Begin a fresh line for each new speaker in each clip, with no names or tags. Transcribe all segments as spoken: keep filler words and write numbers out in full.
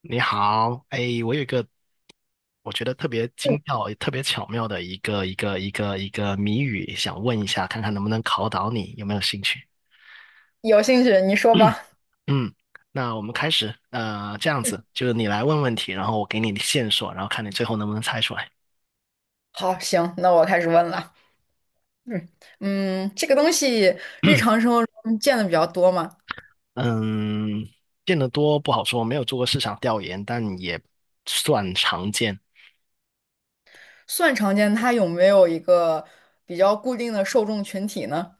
你好，哎，我有一个我觉得特别精妙、也特别巧妙的一个一个一个一个谜语，想问一下，看看能不能考倒你，有没有兴趣？
有兴趣你说 吧。
嗯，那我们开始，呃，这样子，就是你来问问题，然后我给你线索，然后看你最后能不能猜出来。
好，行，那我开始问了。嗯嗯，这个东西日常 生活中见的比较多嘛，
嗯，见得多不好说，没有做过市场调研，但也算常见。
算常见。它有没有一个比较固定的受众群体呢？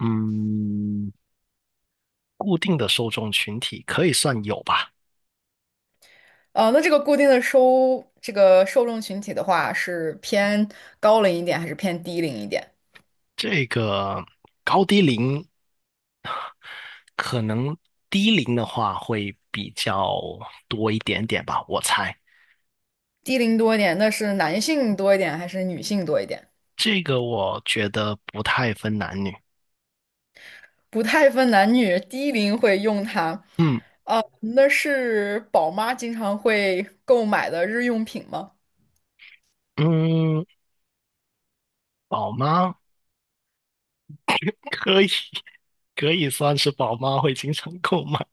嗯，固定的受众群体可以算有吧，
呃，那这个固定的收这个受众群体的话，是偏高龄一点还是偏低龄一点？
这个高低龄。可能低龄的话会比较多一点点吧，我猜。
低龄多一点，那是男性多一点还是女性多一点？
这个我觉得不太分男女。
不太分男女，低龄会用它。
嗯
啊，那是宝妈经常会购买的日用品吗？
嗯，宝妈可以可以算是宝妈会经常购买，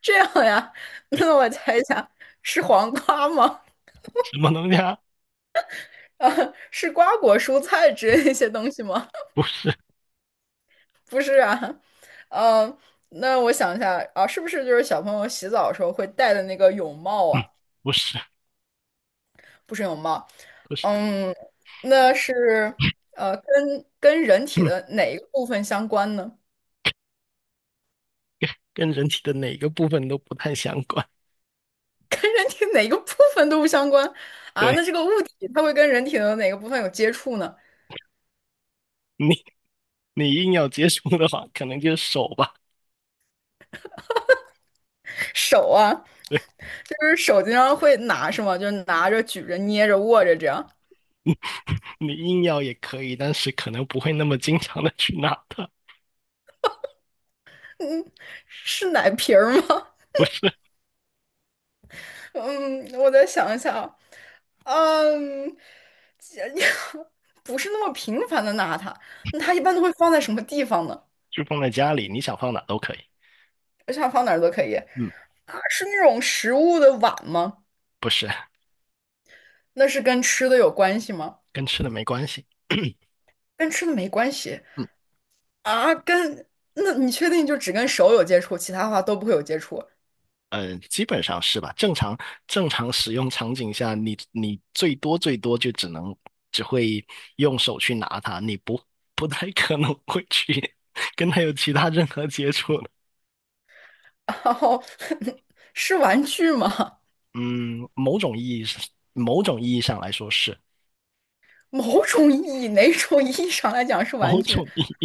这样呀，
对，
那我猜一下，是黄瓜吗？
什么东西啊？
啊，是瓜果蔬菜之
嗯
类的一些东西吗？
不是，
不是啊，呃，那我想一下啊，是不是就是小朋友洗澡的时候会戴的那个泳帽
嗯，
啊？
不是，
不是泳帽，
不是，
嗯，那是呃，跟跟人体
嗯，
的哪一个部分相关呢？
跟人体的哪个部分都不太相关。
跟人体哪个部分都不相关啊？
对，
那这个物体它会跟人体的哪个部分有接触呢？
你，你硬要接触的话，可能就是手吧。
手啊？
对，
就是手经常会拿是吗？就拿着、举着、捏着、握着这样，
你硬要也可以，但是可能不会那么经常的去拿它。
是奶瓶儿吗？嗯，我再想一想，嗯，这 不是那么频繁的拿它，那它一般都会放在什么地方呢？
就放在家里，你想放哪都可以。
我想放哪儿都可以
嗯，
啊，是那种食物的碗吗？
不是，
那是跟吃的有关系吗？
跟吃的没关系。
跟吃的没关系
嗯，
啊，跟那你确定就只跟手有接触，其他的话都不会有接触？
呃，基本上是吧？正常正常使用场景下，你你最多最多就只能只会用手去拿它，你不不太可能会去 跟它有其他任何接触的。
然后 是玩具吗？
嗯，某种意义上，某种意义上来说是
某种意义，哪种意义上来讲是玩
某
具？
种意义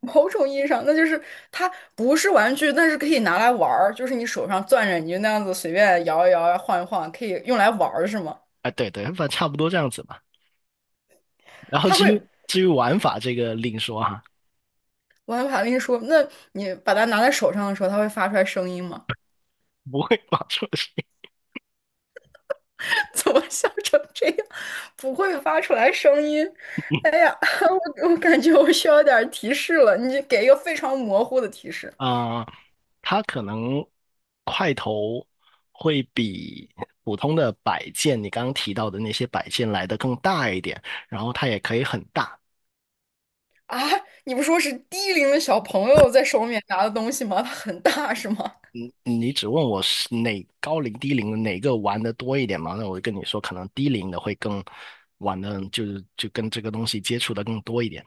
某种意义上，那就是它不是玩具，但是可以拿来玩儿，就是你手上攥着，你就那样子随便摇一摇啊、晃一晃，可以用来玩儿，是吗？
啊，对对，反正差不多这样子吧。然后
它
至
会，
于至于玩法这个另说哈，
我还怕跟你说，那你把它拿在手上的时候，它会发出来声音吗？
不会玩出来。
怎么笑成这样？不会发出来声音。哎呀，我我感觉我需要点儿提示了，你给一个非常模糊的提示。
啊、它可能块头会比普通的摆件，你刚刚提到的那些摆件来的更大一点，然后它也可以很大。
啊，你不说是低龄的小朋友在手里面拿的东西吗？它很大是吗？
你你只问我是哪高龄低龄的哪个玩的多一点嘛？那我就跟你说，可能低龄的会更玩的，就是就跟这个东西接触的更多一点。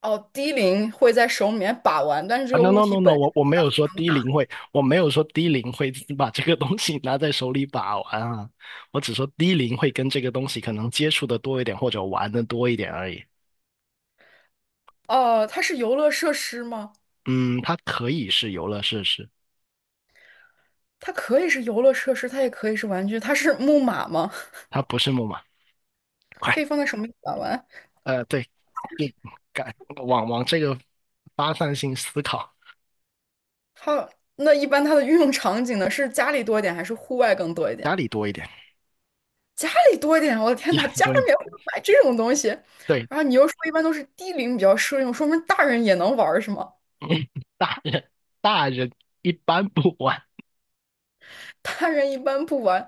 哦，低龄会在手里面把玩，但是这
啊
个
，no
物
no
体
no no，
本，
我我没有说低龄会，我没有说低龄会把这个东西拿在手里把玩啊，我只说低龄会跟这个东西可能接触的多一点，或者玩的多一点而已。
哦，它是游乐设施吗？
嗯，它可以是游乐设施，
它可以是游乐设施，它也可以是玩具。它是木马吗？
它不是木马。快，
可以放在手里面把玩。
呃，对，对，改往往这个发散性思考，
它那一般它的运用场景呢，是家里多一点还是户外更多一点？
家里多一点，
家里多一点，我的天
家
呐，
里
家里
多一点。
面会买这种东西。
对，
然后你又说一般都是低龄比较适用，说明大人也能玩儿是吗？
大人大人一般不玩，
大人一般不玩。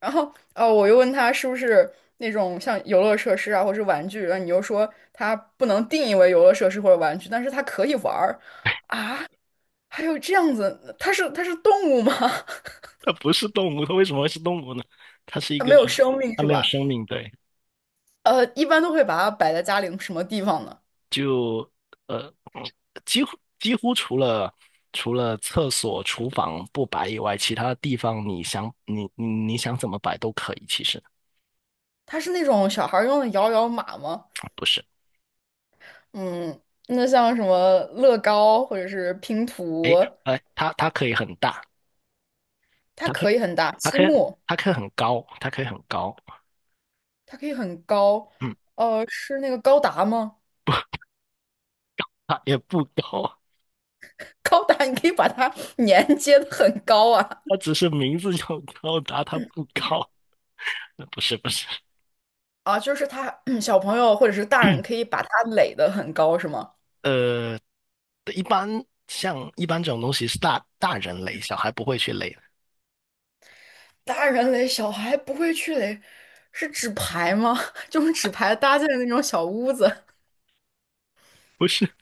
然后，呃，我又问他是不是那种像游乐设施啊，或是玩具，然后你又说它不能定义为游乐设施或者玩具，但是它可以玩儿。还有这样子，它是它是动物吗？
它不是动物，它为什么会是动物呢？它是一
它
个，
没有生命
它
是
没有
吧？
生命，对。
呃，一般都会把它摆在家里什么地方呢？
就呃，几乎几乎除了除了厕所、厨房不摆以外，其他地方你想你你你想怎么摆都可以。其实
它是那种小孩儿用的摇摇马吗？
不是，
嗯，那像什么乐高或者是拼图，
哎哎，它它可以很大，
它
它可以
可以很大，
它
积
可以
木
它可以很高，它可以很高，
它可以很高，
嗯，
呃，是那个高达吗？
它也不高，
高达你可以把它连接的很高啊
它只是名字叫高达，它不高。不是不是，
啊，就是他小朋友或者是大人可以把它垒的很高是吗？
呃，一般像一般这种东西是大大人垒，小孩不会去垒的，
大人垒小孩不会去垒，是纸牌吗？就是纸牌搭建的那种小屋子，
不是，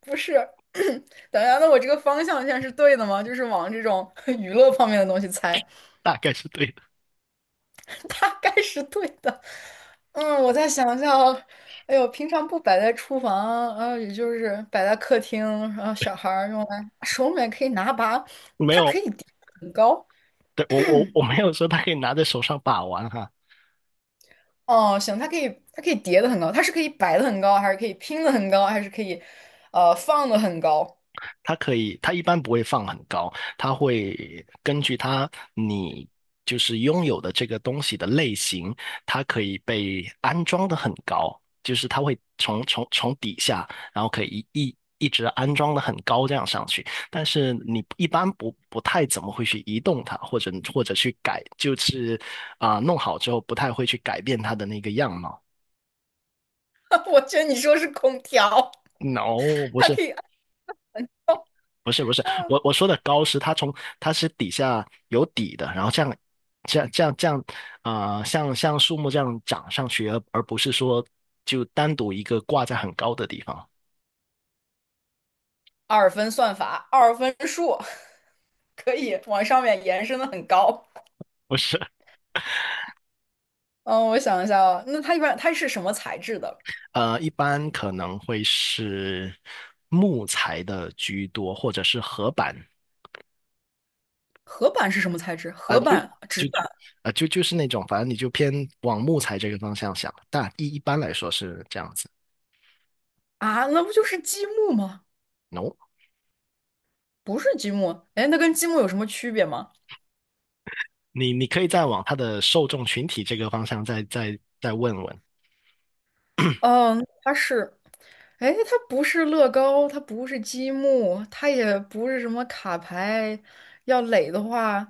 不是？等一下，那我这个方向线是对的吗？就是往这种 娱乐方面的东西猜。
大概是对的，
大概是对的。嗯，我再想想啊，哎呦，平常不摆在厨房，然也就是摆在客厅，然后小孩儿用来手里面可以拿把，
没
它可
有。
以叠得很高。
对，我我我没有说他可以拿在手上把玩哈，
哦，行，它可以，它可以叠的很高，它是可以摆的很高，还是可以拼的很高，还是可以，呃，放的很高？
他可以，他一般不会放很高，他会根据他你就是拥有的这个东西的类型，它可以被安装的很高，就是它会从从从底下，然后可以一一一直安装的很高这样上去，但是你一般不不太怎么会去移动它，或者或者去改，就是啊、弄好之后不太会去改变它的那个样貌。
我觉得你说是空调，
No，不
它
是，
可以，啊，
不是不是，我我说的高是它从它是底下有底的，然后这样这样这样这样，呃，像像树木这样长上去，而而不是说就单独一个挂在很高的地方，
二分算法，二分数，可以往上面延伸的很高。
不是，
嗯，我想一下啊，那它一般它是什么材质的？
呃，一般可能会是木材的居多，或者是合板，
合板是什么材质？
啊、
合
就
板、纸
就
板
就啊、就就是那种，反正你就偏往木材这个方向想，但一一般来说是这样子。
啊，那不就是积木吗？
No，
不是积木，哎，那跟积木有什么区别吗？
你你可以再往他的受众群体这个方向再再再问问。
嗯，它是，哎，它不是乐高，它不是积木，它也不是什么卡牌。要垒的话，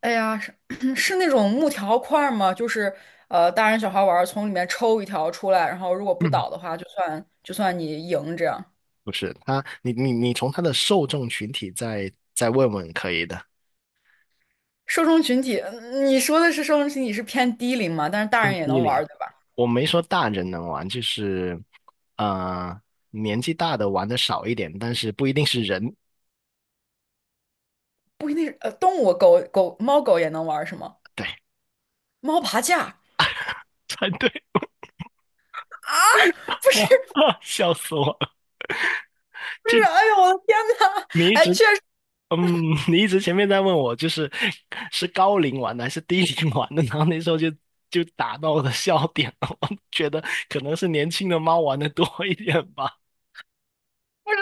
哎呀，是 是那种木条块儿吗？就是呃，大人小孩玩儿从里面抽一条出来，然后如果不
嗯，
倒的话，就算就算你赢这样。
不是他，你你你从他的受众群体再再问问可以的。
受众群体，嗯你说的是受众群体是偏低龄嘛？但是大人
偏
也
低
能玩
龄。
儿对吧？
我没说大人能玩，就是呃年纪大的玩的少一点，但是不一定是人。
不一定是呃动物，狗狗猫狗也能玩是吗？
对，
猫爬架啊？
才对，
不是
笑死我了！
不是，
这，
哎呦我的天呐，
你一
哎，
直
确实
嗯，你一直前面在问我，就是是高龄玩的还是低龄玩的，然后那时候就就打到了笑点了。我觉得可能是年轻的猫玩的多一点吧。
不是，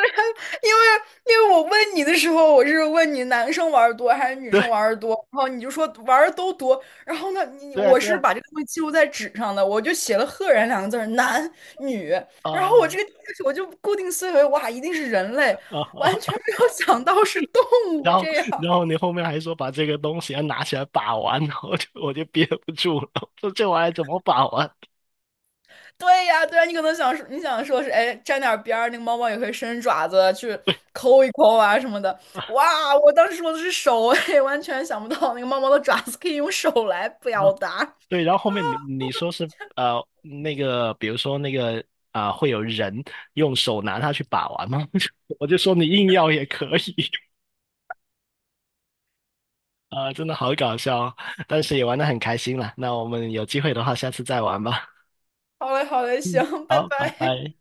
因为因为我问你的时候，我是问你男生玩的多还是 女生
对
玩的多，然后你就说玩的都多，然后呢，你
对啊
我
对
是
啊
把这个东西记录在纸上的，我就写了"赫然"两个字儿男女，然后我
啊
这个我就固定思维，哇，一定是人类，
啊！
完全
啊
没有想到是动物
然后
这样。
然后你后面还说把这个东西要拿起来把玩，然后我就我就憋不住了，我说这玩意儿怎么把玩？
对呀，对呀，你可能想说，你想说是，哎，沾点儿边儿，那个猫猫也会伸爪子去抠一抠啊什么的。哇，我当时说的是手，哎，完全想不到那个猫猫的爪子可以用手来
然
表
后
达。
对，然后后面你你说是呃那个，比如说那个啊、会有人用手拿它去把玩吗？我就说你硬要也可以。啊，真的好搞笑哦，但是也玩得很开心啦。那我们有机会的话，下次再玩吧。
好嘞，好嘞，
嗯，
行，拜
好，拜
拜。
拜。